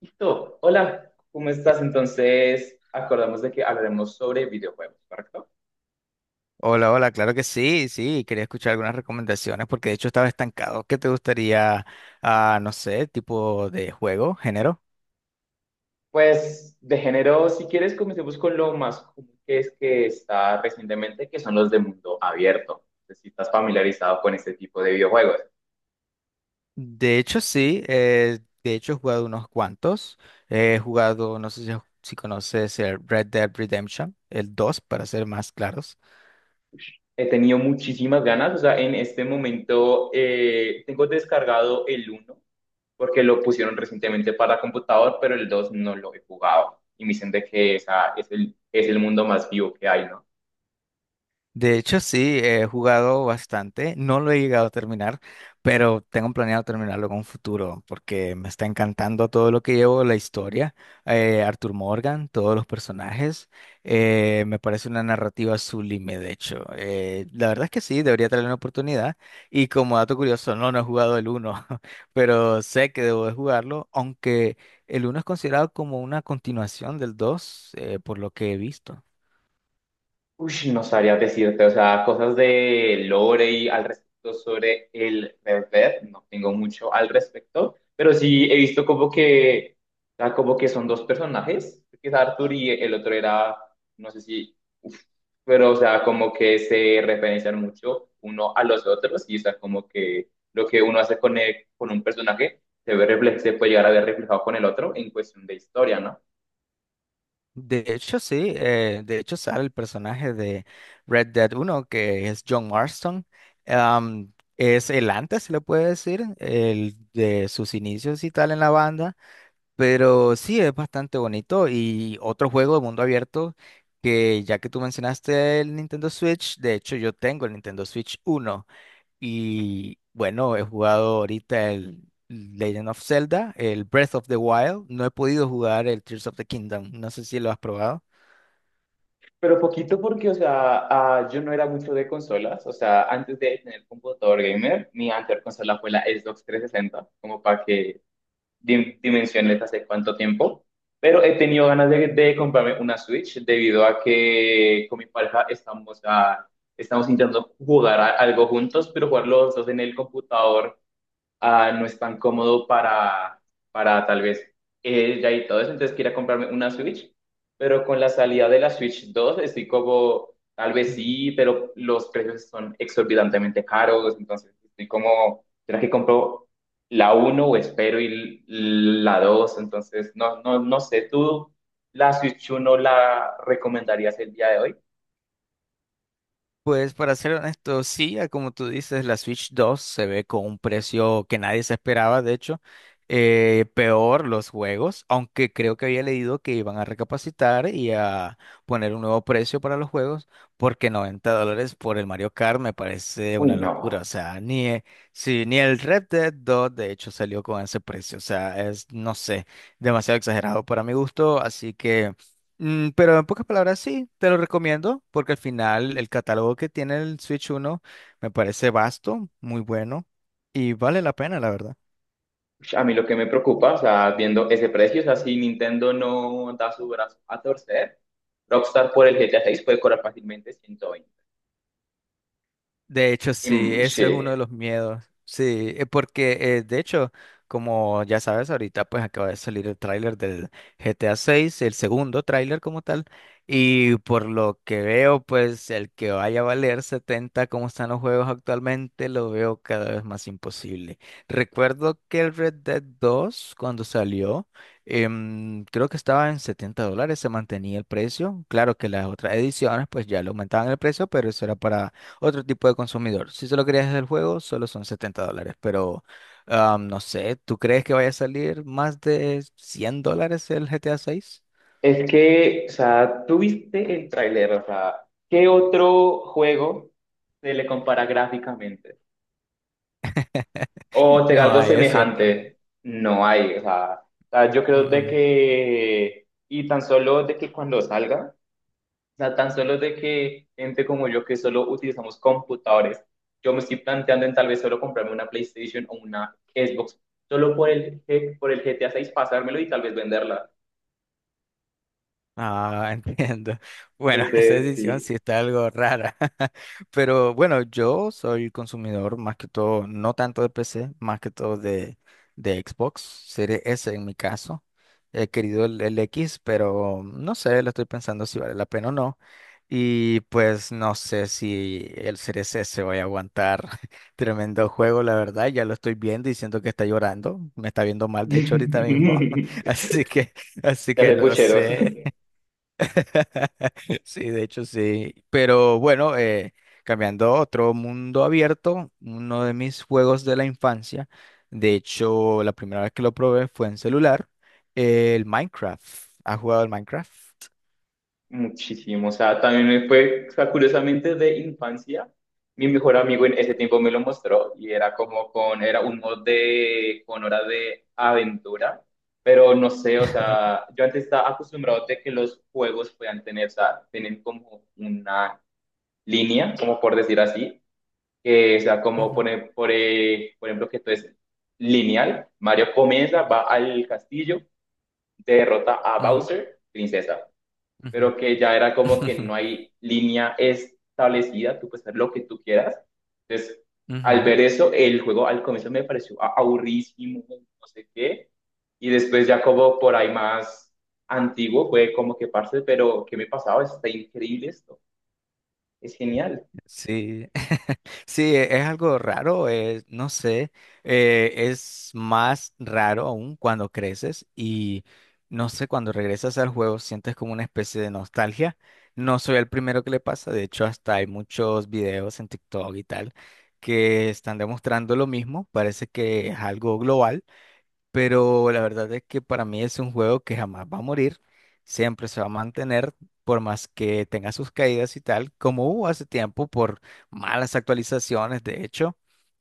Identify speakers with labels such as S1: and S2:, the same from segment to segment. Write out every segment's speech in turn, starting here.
S1: Listo. Hola, ¿cómo estás? Entonces, acordamos de que hablaremos sobre videojuegos, ¿correcto?
S2: Hola, hola, claro que sí, sí, quería escuchar algunas recomendaciones porque de hecho estaba estancado. ¿Qué te gustaría, no sé, tipo de juego, género?
S1: Pues de género, si quieres, comencemos con lo más común que es que está recientemente, que son los de mundo abierto. No sé si estás familiarizado con este tipo de videojuegos.
S2: De hecho sí, de hecho he jugado unos cuantos. He jugado, no sé si conoces el Red Dead Redemption, el 2 para ser más claros.
S1: He tenido muchísimas ganas, o sea, en este momento tengo descargado el uno porque lo pusieron recientemente para computador, pero el 2 no lo he jugado. Y me dicen de que esa es es el mundo más vivo que hay, ¿no?
S2: De hecho, sí, he jugado bastante, no lo he llegado a terminar, pero tengo planeado terminarlo en un futuro porque me está encantando todo lo que llevo, la historia, Arthur Morgan, todos los personajes, me parece una narrativa sublime, de hecho. La verdad es que sí, debería tener una oportunidad y como dato curioso, no, no he jugado el uno, pero sé que debo de jugarlo, aunque el uno es considerado como una continuación del 2 por lo que he visto.
S1: Uy, no sabría decirte. O sea, cosas de lore y al respecto sobre el Red Dead, no tengo mucho al respecto, pero sí he visto como que, o sea, como que son dos personajes, que es Arthur y el otro era, no sé si, uf, pero o sea, como que se referencian mucho uno a los otros y o sea, como que lo que uno hace con, con un personaje se ve se puede llegar a ver reflejado con el otro en cuestión de historia, ¿no?
S2: De hecho, sí, de hecho sale el personaje de Red Dead uno que es John Marston. Es el antes, se le puede decir, el de sus inicios y tal en la banda, pero sí, es bastante bonito. Y otro juego de mundo abierto, que ya que tú mencionaste el Nintendo Switch, de hecho yo tengo el Nintendo Switch uno y bueno, he jugado ahorita el Legend of Zelda, el Breath of the Wild. No he podido jugar el Tears of the Kingdom, no sé si lo has probado.
S1: Pero poquito porque, o sea, ah, yo no era mucho de consolas, o sea, antes de tener computador gamer, mi anterior consola fue la Xbox 360, como para que dimensiones hace cuánto tiempo, pero he tenido ganas de comprarme una Switch debido a que con mi pareja estamos, ah, estamos intentando jugar algo juntos, pero jugar los dos en el computador ah, no es tan cómodo para tal vez ella y todo eso, entonces quiera comprarme una Switch, pero con la salida de la Switch 2 estoy como, tal vez
S2: Ujú.
S1: sí, pero los precios son exorbitantemente caros, entonces estoy como, ¿será que compro la uno o espero y la dos? Entonces, no sé, ¿tú la Switch uno la recomendarías el día de hoy?
S2: Pues para ser honesto, sí, a como tú dices, la Switch 2 se ve con un precio que nadie se esperaba, de hecho, peor los juegos, aunque creo que había leído que iban a recapacitar y a poner un nuevo precio para los juegos, porque $90 por el Mario Kart me parece
S1: Uy,
S2: una locura.
S1: no.
S2: O sea, ni, sí, ni el Red Dead 2 de hecho salió con ese precio, o sea, es, no sé, demasiado exagerado para mi gusto, así que. Mm, pero en pocas palabras, sí, te lo recomiendo, porque al final el catálogo que tiene el Switch uno me parece vasto, muy bueno y vale la pena, la verdad.
S1: Ush, a mí lo que me preocupa, o sea, viendo ese precio, o sea, si Nintendo no da su brazo a torcer, Rockstar por el GTA 6 puede cobrar fácilmente 120.
S2: De hecho, sí,
S1: Mm,
S2: eso es uno de
S1: sí.
S2: los miedos. Sí, porque de hecho, como ya sabes, ahorita pues acaba de salir el tráiler del GTA 6, el segundo tráiler como tal, y por lo que veo, pues el que vaya a valer 70 como están los juegos actualmente, lo veo cada vez más imposible. Recuerdo que el Red Dead 2, cuando salió, creo que estaba en $70, se mantenía el precio. Claro que las otras ediciones pues ya le aumentaban el precio, pero eso era para otro tipo de consumidor. Si solo querías el juego, solo son $70. Pero no sé, ¿tú crees que vaya a salir más de $100 el GTA 6?
S1: Es que, o sea, tú viste el tráiler, o sea, ¿qué otro juego se le compara gráficamente? O te da
S2: No
S1: algo
S2: hay, es cierto.
S1: semejante. No hay, o sea, yo
S2: Mm,
S1: creo de
S2: mm.
S1: que, y tan solo de que cuando salga. O sea, tan solo de que gente como yo que solo utilizamos computadores, yo me estoy planteando en tal vez solo comprarme una PlayStation o una Xbox, solo por por el GTA seis pasármelo y tal vez venderla.
S2: Ah, entiendo. Bueno, esa
S1: Entonces,
S2: decisión
S1: sí.
S2: sí está algo rara. Pero bueno, yo soy consumidor más que todo, no tanto de PC, más que todo de Xbox, Series S en mi caso. He querido el X, pero no sé, lo estoy pensando si vale la pena o no. Y pues no sé si el C CRC se va a aguantar. Tremendo juego, la verdad. Ya lo estoy viendo y siento que está llorando. Me está viendo mal, de hecho, ahorita mismo. Así que, así
S1: Ya
S2: que
S1: sé,
S2: no
S1: pucheros.
S2: sé. Sí, de hecho, sí. Pero bueno, cambiando a otro mundo abierto, uno de mis juegos de la infancia. De hecho, la primera vez que lo probé fue en celular. El Minecraft. ¿Has jugado el Minecraft?
S1: Muchísimo, o sea, también me fue, o sea, curiosamente de infancia, mi mejor amigo en ese tiempo me lo mostró y era como era un mod de, con hora de aventura, pero no sé, o sea, yo antes estaba acostumbrado de que los juegos puedan tener, o sea, tienen como una línea, como por decir así, que, o sea, como
S2: Ujú,
S1: por ejemplo, que esto es lineal. Mario comienza, va al castillo, derrota a
S2: ujú,
S1: Bowser, princesa,
S2: ujú.
S1: pero que ya era como que no hay línea establecida, tú puedes hacer lo que tú quieras. Entonces, al
S2: Ujú,
S1: ver eso, el juego al comienzo me pareció aburridísimo, no sé qué, y después ya como por ahí más antiguo fue como que parce, pero ¿qué me pasaba? Está increíble esto, es genial.
S2: sí. Sí, es algo raro, no sé, es más raro aún cuando creces y no sé, cuando regresas al juego sientes como una especie de nostalgia. No soy el primero que le pasa, de hecho hasta hay muchos videos en TikTok y tal que están demostrando lo mismo, parece que es algo global. Pero la verdad es que para mí es un juego que jamás va a morir, siempre se va a mantener, por más que tenga sus caídas y tal, como hubo hace tiempo por malas actualizaciones, de hecho.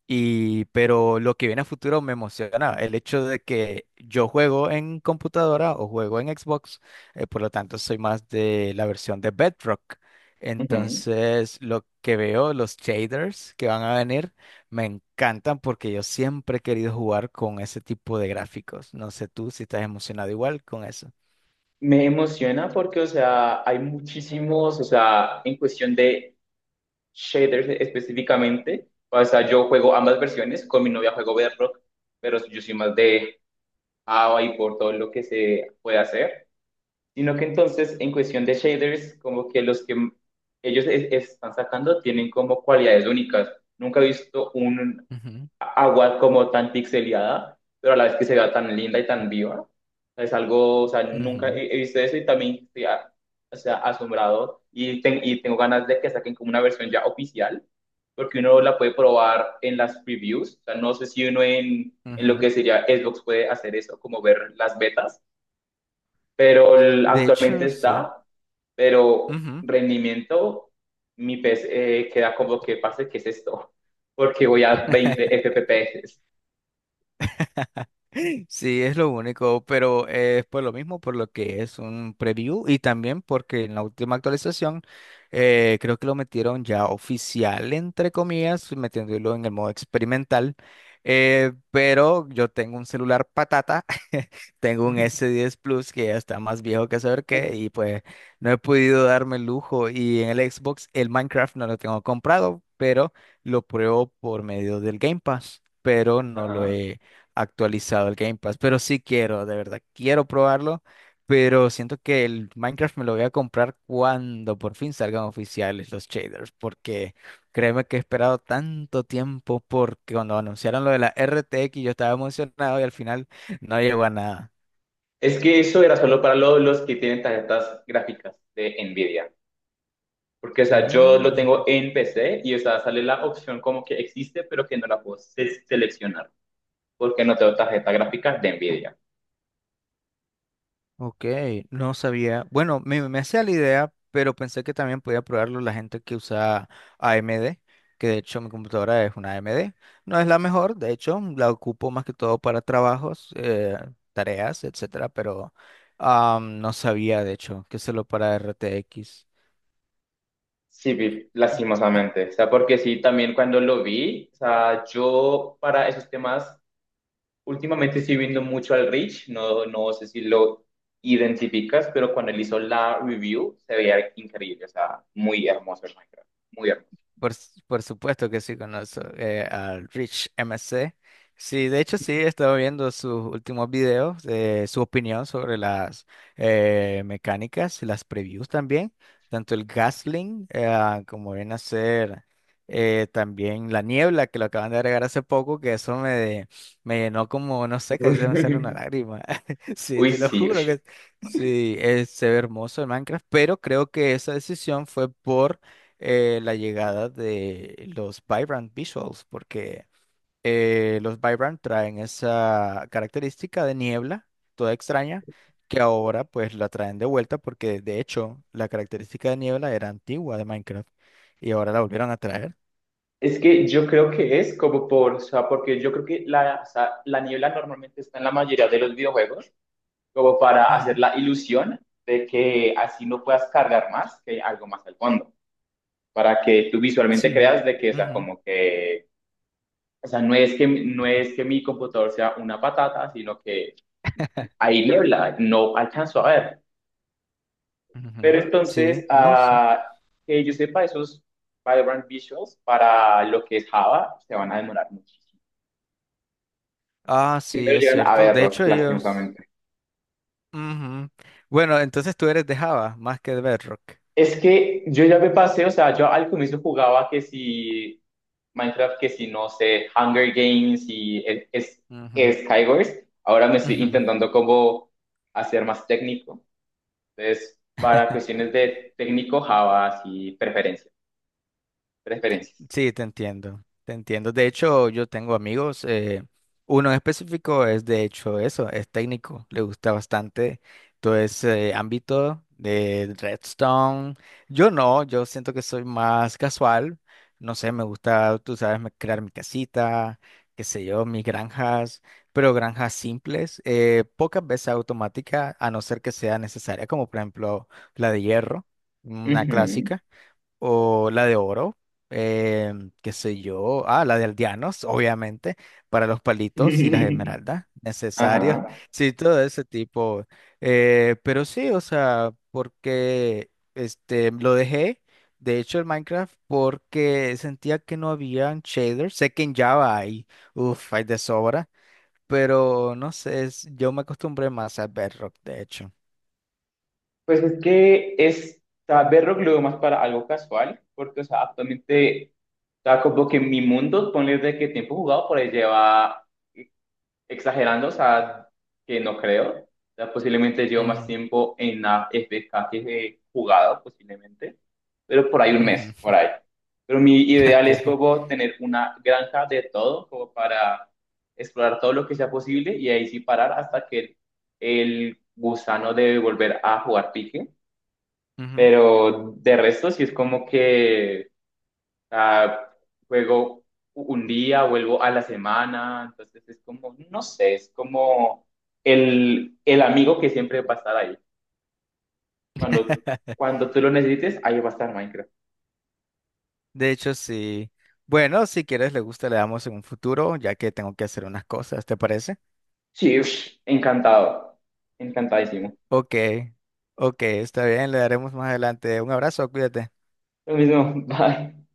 S2: Y, pero lo que viene a futuro me emociona, el hecho de que yo juego en computadora o juego en Xbox, por lo tanto soy más de la versión de Bedrock.
S1: Ujú.
S2: Entonces, lo que veo, los shaders que van a venir. Me encantan porque yo siempre he querido jugar con ese tipo de gráficos. No sé tú si estás emocionado igual con eso.
S1: Me emociona porque, o sea, hay muchísimos, o sea, en cuestión de shaders específicamente. O sea, yo juego ambas versiones, con mi novia juego Bedrock, pero yo soy más de AVA y por todo lo que se puede hacer, sino que entonces en cuestión de shaders, como que los que ellos están sacando tienen como cualidades únicas. Nunca he visto un
S2: Ujú,
S1: agua como tan pixeleada, pero a la vez que se vea tan linda y tan viva. Es algo, o sea, nunca
S2: ujú,
S1: he visto eso y también estoy o sea, asombrado y, y tengo ganas de que saquen como una versión ya oficial, porque uno la puede probar en las previews. O sea, no sé si uno en lo
S2: ujú.
S1: que sería Xbox puede hacer eso, como ver las betas, pero
S2: De
S1: actualmente
S2: hecho, sí.
S1: está, pero
S2: Ujú.
S1: rendimiento, mi PC queda como que pase, ¿qué es esto? Porque voy a 20 FPS.
S2: Sí, es lo único, pero es por lo mismo, por lo que es un preview y también porque en la última actualización creo que lo metieron ya oficial, entre comillas, metiéndolo en el modo experimental, pero yo tengo un celular patata. Tengo un S10 Plus que ya está más viejo que saber
S1: Uf,
S2: qué, y pues no he podido darme el lujo, y en el Xbox el Minecraft no lo tengo comprado, pero lo pruebo por medio del Game Pass, pero no lo
S1: ajá.
S2: he actualizado el Game Pass, pero sí quiero, de verdad, quiero probarlo, pero siento que el Minecraft me lo voy a comprar cuando por fin salgan oficiales los shaders, porque créeme que he esperado tanto tiempo porque cuando anunciaron lo de la RTX yo estaba emocionado y al final no llegó a nada.
S1: Es que eso era solo para los que tienen tarjetas gráficas de Nvidia. Porque, o sea, yo
S2: Mm,
S1: lo
S2: mm.
S1: tengo en PC y, o sea, sale la opción como que existe, pero que no la puedo seleccionar. Porque no tengo tarjeta gráfica de Nvidia.
S2: Ok, no sabía. Bueno, me hacía la idea, pero pensé que también podía probarlo la gente que usa AMD, que de hecho mi computadora es una AMD. No es la mejor, de hecho, la ocupo más que todo para trabajos, tareas, etcétera, pero no sabía de hecho que solo para RTX.
S1: Sí, vi, lastimosamente. O sea, porque sí, también cuando lo vi, o sea, yo para esos temas, últimamente estoy viendo mucho al Rich. No, no sé si lo identificas, pero cuando él hizo la review, se veía increíble. O sea, muy hermoso el Minecraft. Muy hermoso.
S2: Por supuesto que sí conozco al Rich MC. Sí, de hecho sí, he estado viendo sus últimos videos, su opinión sobre las mecánicas, las previews también, tanto el Gasling como viene a ser también la niebla que lo acaban de agregar hace poco, que eso me llenó como, no sé, casi se me sale una lágrima. Sí,
S1: Uy,
S2: te lo
S1: sí.
S2: juro
S1: Uy.
S2: que sí, es se ve hermoso el Minecraft, pero creo que esa decisión fue por la llegada de los Vibrant Visuals, porque los Vibrant traen esa característica de niebla, toda extraña, que ahora pues la traen de vuelta porque de hecho la característica de niebla era antigua de Minecraft y ahora la volvieron a traer.
S1: Es que yo creo que es como por, o sea, porque yo creo que la, o sea, la niebla normalmente está en la mayoría de los videojuegos, como para hacer
S2: Ujú,
S1: la ilusión de que así no puedas cargar más, que hay algo más al fondo, para que tú visualmente
S2: sí.
S1: creas de que, o sea,
S2: Ujú.
S1: como que, o sea, no es que mi computador sea una patata, sino que hay niebla, no alcanzo a ver. Pero
S2: Ujú, sí,
S1: entonces,
S2: no sé.
S1: ah, que yo sepa, esos Vibrant Visuals para lo que es Java se van a demorar muchísimo.
S2: Ah, sí,
S1: Primero
S2: es
S1: llegan a
S2: cierto. De
S1: Bedrock,
S2: hecho, ellos.
S1: lastimosamente.
S2: Ujú. Bueno, entonces tú eres de Java más que de Bedrock.
S1: Es que yo ya me pasé, o sea, yo al comienzo jugaba que si Minecraft, que si no sé, Hunger Games y
S2: Ujú,
S1: es Skywars. Ahora me estoy
S2: ujú.
S1: intentando como hacer más técnico. Entonces, para cuestiones de técnico, Java, y preferencias. Preferencias.
S2: Sí, te entiendo, te entiendo. De hecho, yo tengo amigos, uno en específico es de hecho eso, es técnico, le gusta bastante todo ese ámbito de Redstone. Yo no, yo siento que soy más casual, no sé, me gusta, tú sabes, crear mi casita, qué sé yo, mis granjas, pero granjas simples, pocas veces automática, a no ser que sea necesaria, como por ejemplo la de hierro, una
S1: Ujú.
S2: clásica. O la de oro, eh, qué sé yo. Ah, la de aldeanos, obviamente, para los palitos y las esmeraldas, necesarios.
S1: Ajá.
S2: Sí, todo ese tipo. Pero sí, o sea, porque este, lo dejé, de hecho, el Minecraft, porque sentía que no habían shaders. Sé que en Java hay, uff, hay de sobra, pero no sé, yo me acostumbré más a Bedrock, de hecho.
S1: Pues es que es, o sea, verlo lo veo más para algo casual, porque, o sea, actualmente, o sea, como que mi mundo, ponle de que tiempo jugado por ahí lleva, eh, exagerando, o sea, que no creo, o sea, posiblemente llevo más
S2: Ujú,
S1: tiempo en la FK que he jugado, posiblemente, pero por ahí 1 mes,
S2: ujú,
S1: por ahí. Pero mi ideal es
S2: ok,
S1: como tener una granja de todo, como para explorar todo lo que sea posible y ahí sí parar hasta que el gusano de volver a jugar pique,
S2: ujú.
S1: pero de resto, sí es como que ah, juego un día, vuelvo a la semana, entonces es como, no sé, es como el amigo que siempre va a estar ahí. Cuando, cuando tú lo necesites, ahí va a estar Minecraft.
S2: De hecho, sí. Bueno, si quieres, le gusta, le damos en un futuro, ya que tengo que hacer unas cosas, ¿te parece?
S1: Sí, ush, encantado, encantadísimo.
S2: Ok, ok, está bien, le daremos más adelante. Un abrazo, cuídate.
S1: Lo mismo, bye.